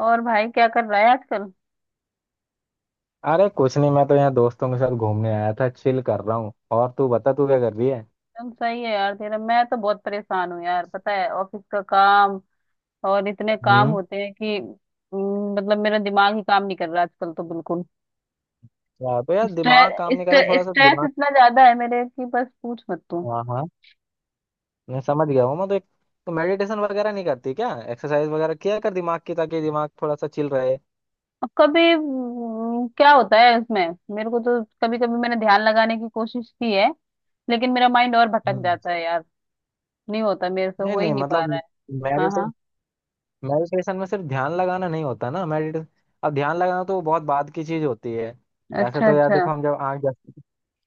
और भाई क्या कर रहा है आजकल। अरे कुछ नहीं, मैं तो यहाँ दोस्तों के साथ घूमने आया था, चिल कर रहा हूँ। और तू बता, तू क्या कर रही है। एकदम सही है यार तेरा। मैं तो बहुत परेशान हूँ यार, पता है ऑफिस का काम, और इतने काम हम्म। होते हैं कि मतलब मेरा दिमाग ही काम नहीं कर रहा आजकल तो बिल्कुल। या तो यार दिमाग काम नहीं कर रहा, स्ट्रेस थोड़ा सा स्ट्रेस दिमाग। इतना ज्यादा है मेरे कि बस पूछ मत तू। हाँ हाँ, मैं समझ गया हूँ। मैं तो एक तो मेडिटेशन वगैरह नहीं करती क्या? एक्सरसाइज वगैरह किया कर दिमाग की, ताकि दिमाग थोड़ा सा चिल रहे। अब कभी क्या होता है इसमें। मेरे को तो कभी कभी मैंने ध्यान लगाने की कोशिश की है, लेकिन मेरा माइंड और भटक हम्म। जाता है यार। नहीं होता, मेरे से नहीं हो ही नहीं, नहीं पा मतलब रहा है। हाँ मेडिटे हाँ। मेडिटेशन में सिर्फ ध्यान लगाना नहीं होता ना। मेडिटेशन, अब ध्यान लगाना तो बहुत बाद की चीज होती है। ऐसे अच्छा तो यार अच्छा। देखो, हम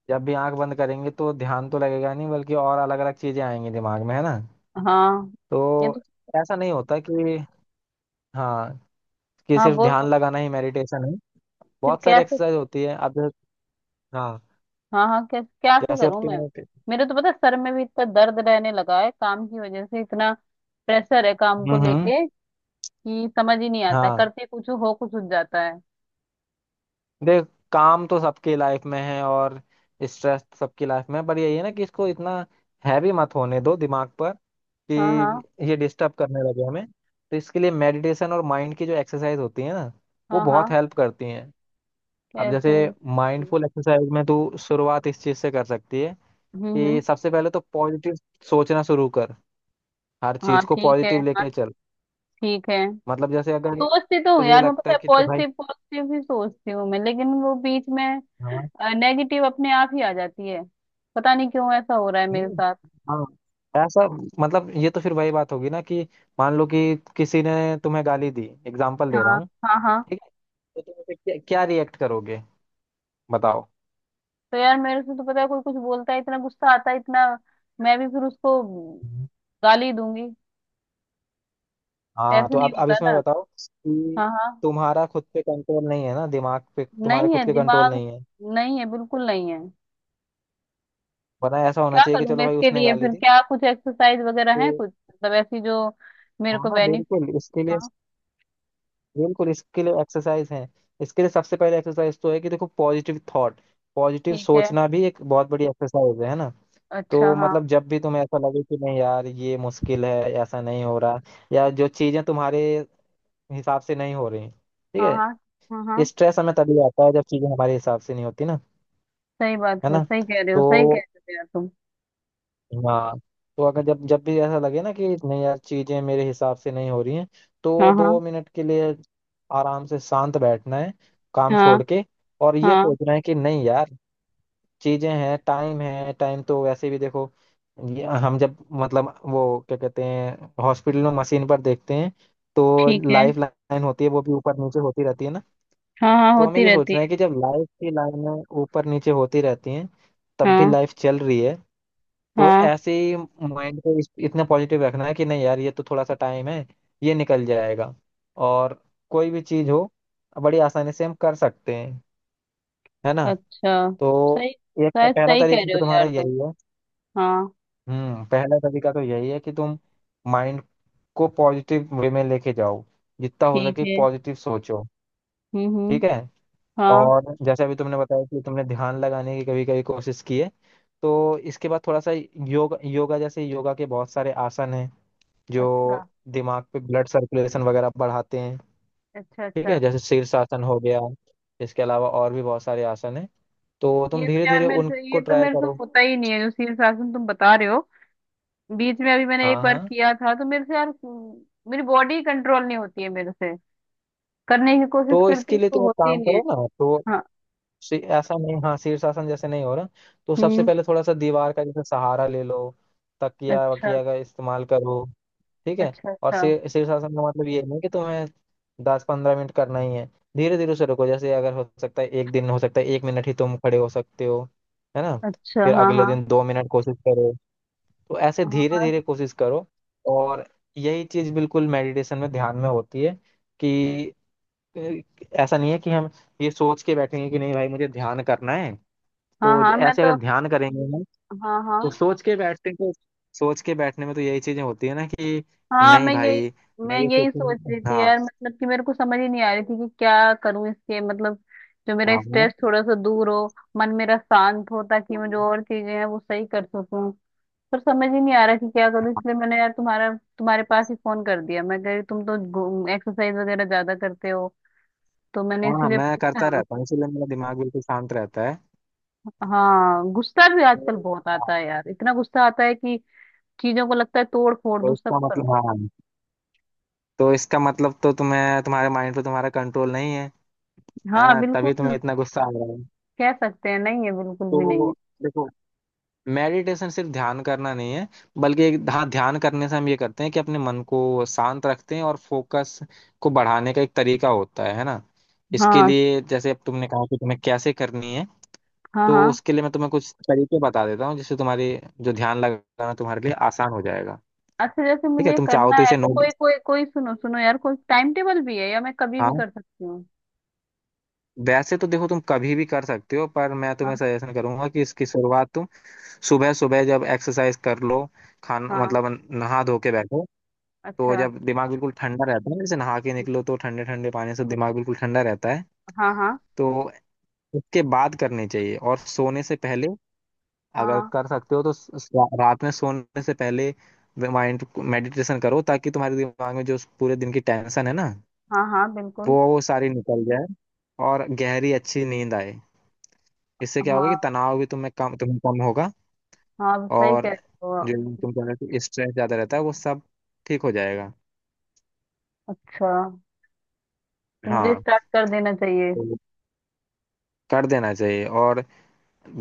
जब भी आंख बंद करेंगे तो ध्यान तो लगेगा नहीं, बल्कि और अलग अलग चीजें आएंगी दिमाग में, है ना। हाँ ये तो तो। ऐसा नहीं होता कि, हाँ, कि हाँ सिर्फ बोल ध्यान बोल। लगाना ही मेडिटेशन है। फिर बहुत सारी कैसे। एक्सरसाइज होती है, अब जैसे- हाँ, हाँ हाँ, क्या क्या से जैसे अब करूं मैं। तुम- मेरे तो पता है सर में भी इतना दर्द रहने लगा है, काम की वजह से इतना प्रेशर है काम को हम्म। लेके कि समझ ही नहीं आता है। हाँ करते कुछ हो, कुछ हो जाता है। देख, काम तो सबकी लाइफ में है और स्ट्रेस तो सबकी लाइफ में है, पर यही है ना कि इसको इतना हैवी मत होने दो दिमाग पर कि हाँ हाँ। ये डिस्टर्ब करने लगे हमें। तो इसके लिए मेडिटेशन और माइंड की जो एक्सरसाइज होती है ना, वो हाँ हाँ। बहुत हेल्प करती हैं। अब कैसे। जैसे हम्म माइंडफुल एक्सरसाइज में तू शुरुआत इस चीज़ से कर सकती है हम्म। कि सबसे पहले तो पॉजिटिव सोचना शुरू कर। हर चीज हाँ को ठीक है। पॉजिटिव हाँ लेके चल। ठीक है। मतलब जैसे अगर सोचती तो हूँ तुझे यार मैं, लगता पता है है कि ते भाई, पॉजिटिव पॉजिटिव ही सोचती हूँ मैं, लेकिन वो बीच में हाँ, नेगेटिव अपने आप ही आ जाती है। पता नहीं क्यों ऐसा हो रहा है मेरे नहीं, साथ। हाँ, ऐसा मतलब ये तो फिर वही बात होगी ना कि मान लो कि किसी ने तुम्हें गाली दी, एग्जाम्पल दे रहा हाँ हूँ। हाँ। हाँ ठीक है। तो तुम उसे क्या रिएक्ट करोगे, बताओ। तो यार मेरे से तो, पता है कोई कुछ बोलता है इतना गुस्सा आता है इतना, मैं भी फिर उसको हम्म। गाली दूंगी। हाँ ऐसे तो नहीं अब होता इसमें ना। बताओ कि हाँ हाँ। तुम्हारा खुद पे कंट्रोल नहीं है ना, दिमाग पे तुम्हारे नहीं है खुद के कंट्रोल दिमाग, नहीं है। नहीं है बिल्कुल नहीं है। वरना ऐसा होना क्या चाहिए कि करूं चलो मैं भाई इसके उसने लिए? गाली फिर दी क्या कुछ एक्सरसाइज वगैरह है तो, कुछ मतलब ऐसी जो मेरे को हाँ बेनिफिट। हाँ बिल्कुल इसके लिए एक्सरसाइज है। इसके लिए सबसे पहले एक्सरसाइज तो है कि देखो पॉजिटिव थॉट, पॉजिटिव ठीक है। सोचना भी एक बहुत बड़ी एक्सरसाइज है ना। अच्छा तो हाँ मतलब जब भी तुम्हें ऐसा लगे कि नहीं यार ये मुश्किल है, ऐसा नहीं हो रहा, या जो चीजें तुम्हारे हिसाब से नहीं हो रही, ठीक हाँ। हाँ है, हाँ। हाँ स्ट्रेस हमें तभी आता है जब चीजें हमारे हिसाब से नहीं होती ना, सही बात है है, ना। सही कह रहे हो, तो, सही कह रहे हो यार तुम। हाँ, तो अगर जब जब भी ऐसा लगे ना कि नहीं यार चीजें मेरे हिसाब से नहीं हो रही हैं, हाँ तो हाँ। 2 मिनट के लिए आराम से शांत बैठना है, काम हाँ छोड़ के, और ये हाँ। सोचना है कि नहीं यार चीजें हैं, टाइम है। टाइम तो वैसे भी देखो, ये हम जब मतलब वो क्या कहते हैं हॉस्पिटल में मशीन पर देखते हैं तो ठीक है। लाइफ लाइन होती है, वो भी ऊपर नीचे होती रहती है ना। हाँ हाँ तो हमें होती ये रहती सोचना है। है कि जब लाइफ की लाइनें ऊपर नीचे होती रहती हैं, तब भी हाँ लाइफ चल रही है। तो हाँ। ऐसे ही माइंड को इतना पॉजिटिव रखना है कि नहीं यार ये तो थोड़ा सा टाइम है, ये निकल जाएगा। और कोई भी चीज हो, बड़ी आसानी से हम कर सकते हैं, है ना। अच्छा। तो सही। एक तो शायद पहला सही कह तरीका रहे तो हो यार तुम्हारा तुम। यही है। हाँ हम्म, पहला तरीका तो यही है कि तुम माइंड को पॉजिटिव वे में लेके जाओ, जितना हो ठीक सके है। पॉजिटिव सोचो। हम्म। ठीक है। हाँ। और जैसे अभी तुमने बताया कि तुमने ध्यान लगाने की कभी कभी कोशिश की है, तो इसके बाद थोड़ा सा योग, योगा जैसे योगा के बहुत सारे आसन हैं अच्छा जो दिमाग पे ब्लड सर्कुलेशन वगैरह बढ़ाते हैं। अच्छा। ठीक अच्छा है, जैसे शीर्षासन हो गया। इसके अलावा और भी बहुत सारे आसन हैं, तो तुम ये तो धीरे यार धीरे मेरे से उनको ये तो ट्राई मेरे से करो। होता ही नहीं है जो शीर्ष आसन तुम बता रहे हो। बीच में अभी मैंने एक हाँ बार हाँ, किया था तो मेरे से यार मेरी बॉडी कंट्रोल नहीं होती है मेरे से। करने की कोशिश तो करती इसके हूँ लिए तो तुम एक होती ही काम नहीं है। करो ना। तो हाँ। ऐसा नहीं, हाँ, शीर्षासन जैसे नहीं हो रहा, तो सबसे हम्म। पहले थोड़ा सा दीवार का जैसे सहारा ले लो, तकिया अच्छा। वकिया का इस्तेमाल करो। ठीक है। अच्छा और अच्छा। शीर्षासन का मतलब ये नहीं कि तुम्हें 10-15 मिनट करना ही है। धीरे धीरे से रुको। जैसे अगर हो सकता है एक दिन हो सकता है एक मिनट ही तुम खड़े हो सकते हो, है ना। अच्छा फिर हाँ अगले हाँ। दिन 2 मिनट कोशिश करो। तो ऐसे हाँ धीरे हाँ। धीरे कोशिश करो। और यही चीज बिल्कुल मेडिटेशन में, ध्यान में होती है कि, अ, ऐसा नहीं है कि हम ये सोच के बैठेंगे कि नहीं भाई मुझे ध्यान करना है। हाँ तो हाँ, मैं ऐसे तो। अगर ध्यान करेंगे हाँ हाँ। तो सोच के बैठने को, सोच के बैठने में तो यही चीजें होती है ना, कि हाँ नहीं भाई मैं मैं ये यही सोच रही सोचूंगा, थी हाँ, यार, मतलब कि मेरे को समझ ही नहीं आ रही थी कि क्या करूं इसके, मतलब जो हाँ मेरा हाँ स्ट्रेस थोड़ा सा दूर हो, मन मेरा शांत हो, ताकि मैं जो और चीजें हैं वो सही कर सकूं। पर समझ ही नहीं आ रहा कि क्या करूं, इसलिए मैंने यार तुम्हारा तुम्हारे पास ही फोन कर दिया। मैं कह रही तुम तो एक्सरसाइज वगैरह ज्यादा करते हो, तो मैंने हाँ हाँ, इसीलिए मैं करता पूछा। रहता हूँ इसीलिए मेरा दिमाग बिल्कुल शांत रहता है। हाँ गुस्सा भी आजकल तो बहुत हाँ, आता है यार, इतना गुस्सा आता है कि चीजों को लगता है तोड़ फोड़ तो दूं, सब इसका कर दूं। मतलब, हाँ, तो इसका मतलब तो तुम्हें, तुम्हारे माइंड पे तुम्हारा कंट्रोल नहीं है, है हाँ ना, तभी बिल्कुल। तुम्हें इतना गुस्सा आ रहा है। कह सकते हैं नहीं है, बिल्कुल भी नहीं तो है। देखो, मेडिटेशन सिर्फ ध्यान करना नहीं है, बल्कि एक, हाँ, ध्यान करने से हम ये करते हैं कि अपने मन को शांत रखते हैं और फोकस को बढ़ाने का एक तरीका होता है ना। इसके हाँ लिए, जैसे अब तुमने कहा कि तुम्हें कैसे करनी है, हाँ। हाँ तो उसके लिए मैं तुम्हें कुछ तरीके बता देता हूँ जिससे तुम्हारी जो ध्यान लगाना तुम्हारे लिए आसान हो जाएगा। अच्छा जैसे ठीक है, मुझे तुम चाहो करना तो है इसे तो नोट, कोई कोई कोई सुनो सुनो यार, कोई टाइम टेबल भी है या मैं कभी भी हाँ। कर सकती हूँ? वैसे तो देखो तुम कभी भी कर सकते हो, पर मैं तुम्हें हाँ सजेशन करूंगा कि इसकी शुरुआत तुम सुबह सुबह जब एक्सरसाइज कर लो, खान हाँ। मतलब नहा धो के बैठो। तो अच्छा। जब दिमाग बिल्कुल ठंडा रहता है ना, जैसे नहा के निकलो तो ठंडे ठंडे पानी से दिमाग बिल्कुल ठंडा रहता है, हाँ हाँ। तो उसके बाद करनी चाहिए। और सोने से पहले अगर हाँ कर सकते हो तो रात में सोने से पहले माइंड मेडिटेशन करो, ताकि तुम्हारे दिमाग में जो उस पूरे दिन की टेंशन है ना, हाँ। हाँ वो बिल्कुल। वो सारी निकल जाए, और गहरी अच्छी नींद आए। इससे क्या होगा हाँ कि तनाव भी तुम्हें कम होगा, हाँ सही और कह रहे हो। जो तुम कह रहे हो स्ट्रेस ज्यादा रहता है वो सब ठीक हो जाएगा। अच्छा तो मुझे हाँ स्टार्ट कर देना चाहिए। तो कर देना चाहिए। और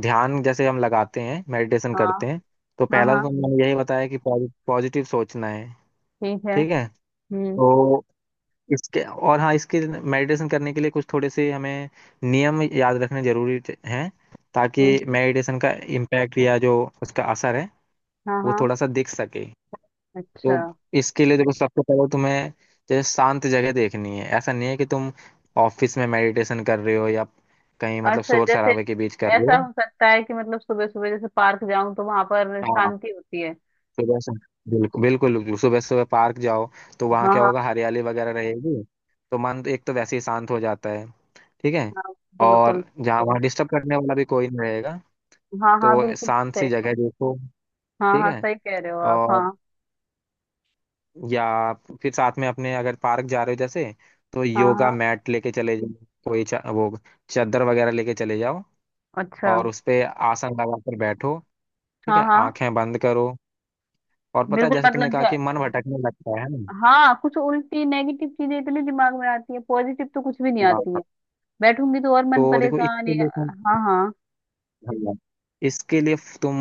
ध्यान जैसे हम लगाते हैं, मेडिटेशन हाँ करते हैं, तो हाँ। पहला तो हाँ तुमने यही बताया कि पॉजिटिव सोचना है। ठीक है। ठीक है। हम्म। तो इसके और, हाँ, इसके मेडिटेशन करने के लिए कुछ थोड़े से हमें नियम याद रखने जरूरी हैं, ताकि हम्म, मेडिटेशन का इम्पैक्ट या जो उसका असर है हाँ वो हाँ। थोड़ा सा दिख सके। अच्छा तो इसके लिए देखो सबसे पहले तुम्हें जैसे शांत जगह देखनी है। ऐसा नहीं है कि तुम ऑफिस में मेडिटेशन कर रहे हो या कहीं मतलब अच्छा। शोर जैसे शराबे के बीच कर रहे ऐसा हो। हो सकता है कि मतलब सुबह सुबह जैसे पार्क जाऊं तो वहां पर हाँ, शांति होती है। सुबह से बिल्कुल बिल्कुल बिल्कुल। सुबह सुबह पार्क जाओ तो वहाँ हाँ क्या हाँ। होगा, हरियाली वगैरह रहेगी, तो मन तो एक तो वैसे ही शांत हो जाता है। ठीक है। बिल्कुल। और जहाँ बिल्कुल। वहाँ डिस्टर्ब करने वाला भी कोई नहीं रहेगा। हाँ हाँ तो बिल्कुल। शांत सी जगह देखो। हाँ ठीक हाँ है। सही कह रहे हो आप। और, हाँ या फिर साथ में अपने अगर पार्क जा रहे हो जैसे, तो हाँ योगा हाँ। मैट लेके चले जाओ, कोई चा, वो चादर वगैरह लेके चले जाओ, अच्छा। और उस पे आसन लगाकर बैठो। ठीक हाँ है, हाँ। आंखें बंद करो। और पता है बिल्कुल जैसे तुमने मतलब कहा जो, कि मन भटकने लगता है हाँ कुछ उल्टी नेगेटिव चीजें इतनी दिमाग में आती है, पॉजिटिव तो कुछ भी नहीं ना, आती है। बैठूंगी तो और मन तो देखो परेशान इसके लिए तुम, हाँ हाँ। हाँ, इसके लिए तुम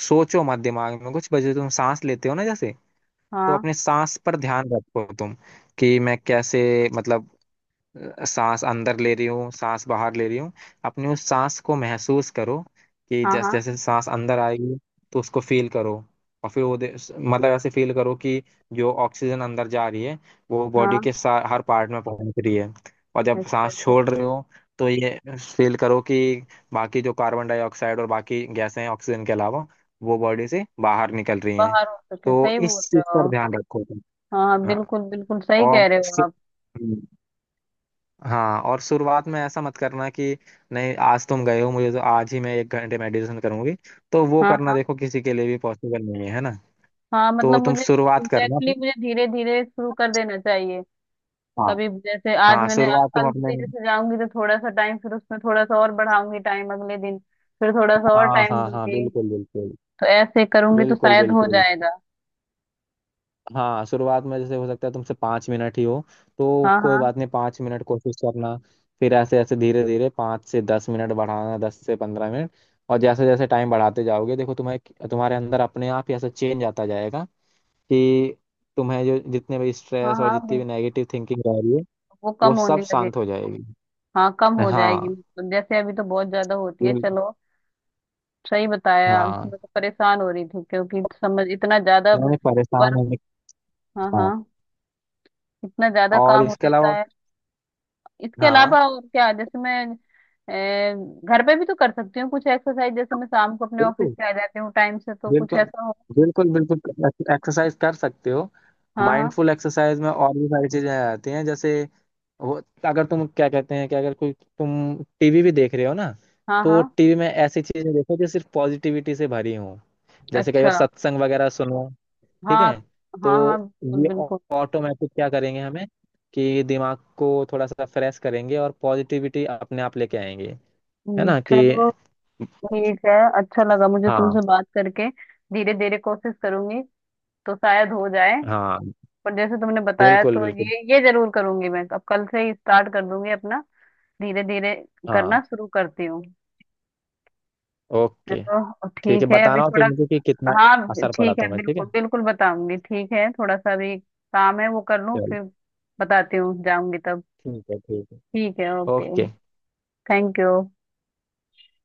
सोचो मत दिमाग में कुछ। वजह, तुम सांस लेते हो ना जैसे, तो हाँ अपने सांस पर ध्यान रखो तुम, कि मैं कैसे मतलब सांस अंदर ले रही हूँ, सांस बाहर ले रही हूँ। अपनी उस सांस को महसूस करो कि हाँ। हाँ जैसे जैसे सांस अंदर आएगी तो उसको फील करो। और फिर वो मतलब ऐसे फील करो कि जो ऑक्सीजन अंदर जा रही है वो बॉडी हाँ। के हर पार्ट में पहुंच रही है। और जब अच्छा सांस अच्छा। छोड़ रहे हो तो ये फील करो कि बाकी जो कार्बन डाइऑक्साइड और बाकी गैसें हैं ऑक्सीजन के अलावा, वो बॉडी से बाहर निकल रही हैं। बाहर हो सके, तो सही इस बोल रहे चीज पर हो। ध्यान रखो तुम। हाँ हाँ हाँ, बिल्कुल बिल्कुल, सही और, कह रहे हो आप। हाँ, और शुरुआत में ऐसा मत करना कि नहीं आज तुम गए हो, मुझे तो आज ही मैं एक घंटे मेडिटेशन करूंगी, तो वो हाँ करना हाँ। देखो किसी के लिए भी पॉसिबल नहीं है, है ना। हाँ तो मतलब तुम मुझे एग्जैक्टली शुरुआत करना exactly तुम, मुझे धीरे धीरे शुरू कर देना चाहिए। हाँ, कभी जैसे आज हाँ मैंने, आज शुरुआत तुम कल अपने, से जैसे जाऊंगी तो थोड़ा सा टाइम, फिर उसमें थोड़ा सा और बढ़ाऊंगी टाइम अगले दिन, फिर थोड़ा सा और हाँ टाइम हाँ हाँ दूंगी। बिल्कुल बिल्कुल, तो ऐसे करूंगी तो बिल्कुल शायद हो बिल्कुल। जाएगा। हाँ शुरुआत में जैसे हो सकता है तुमसे 5 मिनट ही हो, तो हाँ कोई हाँ। बात नहीं 5 मिनट कोशिश करना। फिर ऐसे ऐसे धीरे धीरे 5 से 10 मिनट बढ़ाना, 10 से 15 मिनट। और जैसे जैसे टाइम बढ़ाते जाओगे देखो तुम्हें, तुम्हारे अंदर अपने आप ही ऐसा चेंज आता जाएगा कि तुम्हें जो जितने भी हाँ स्ट्रेस और हाँ जितनी भी बिल्कुल। नेगेटिव थिंकिंग रह रही है वो कम वो सब होने लगे। शांत हो जाएगी। हाँ कम हो जाएगी, हाँ मतलब जैसे अभी तो बहुत ज्यादा होती है। बिल- चलो सही बताया, हाँ मैं तो परेशान हो रही थी क्योंकि समझ, इतना ज्यादा नहीं परेशान वर्क। होने, हाँ हाँ। हाँ, इतना ज्यादा और काम हो इसके जाता अलावा, है। इसके हाँ अलावा और क्या जैसे मैं अ, घर पे भी तो कर सकती हूँ कुछ एक्सरसाइज, जैसे मैं शाम को अपने ऑफिस बिल्कुल से आ जाती हूँ टाइम से, तो कुछ बिल्कुल, ऐसा हो। बिल्कुल बिल्कुल एक्सरसाइज कर सकते हो। हाँ हाँ। माइंडफुल एक्सरसाइज में और भी सारी चीजें आ जाती हैं, जैसे वो, अगर तुम क्या कहते हैं कि अगर कोई, तुम टीवी भी देख रहे हो ना, हाँ तो हाँ। टीवी में ऐसी चीजें देखो जो सिर्फ पॉजिटिविटी से भरी हो। जैसे कई बार अच्छा सत्संग वगैरह सुनो। ठीक हाँ। है। हाँ हाँ तो बिल्कुल ये बिल्कुल। ऑटोमेटिक क्या करेंगे हमें, कि दिमाग को थोड़ा सा फ्रेश करेंगे और पॉजिटिविटी अपने आप लेके आएंगे, है ना। कि चलो ठीक है। अच्छा लगा मुझे तुमसे हाँ बात करके। धीरे धीरे कोशिश करूंगी तो शायद हो जाए। हाँ पर जैसे तुमने बताया बिल्कुल तो बिल्कुल। ये जरूर करूंगी मैं, अब कल से ही स्टार्ट कर दूंगी अपना। धीरे धीरे हाँ। करना शुरू करती हूँ। ओके। चलो ठीक है, ठीक है अभी बताना और फिर थोड़ा। मुझे कि कितना हाँ असर पड़ा ठीक है, तुम्हें। ठीक बिल्कुल है। बिल्कुल बताऊंगी। ठीक है थोड़ा सा भी काम है वो कर लूँ, चलो, फिर बताती हूँ, जाऊंगी तब। ठीक है ठीक है। ठीक है ओके। ओके। Thank you.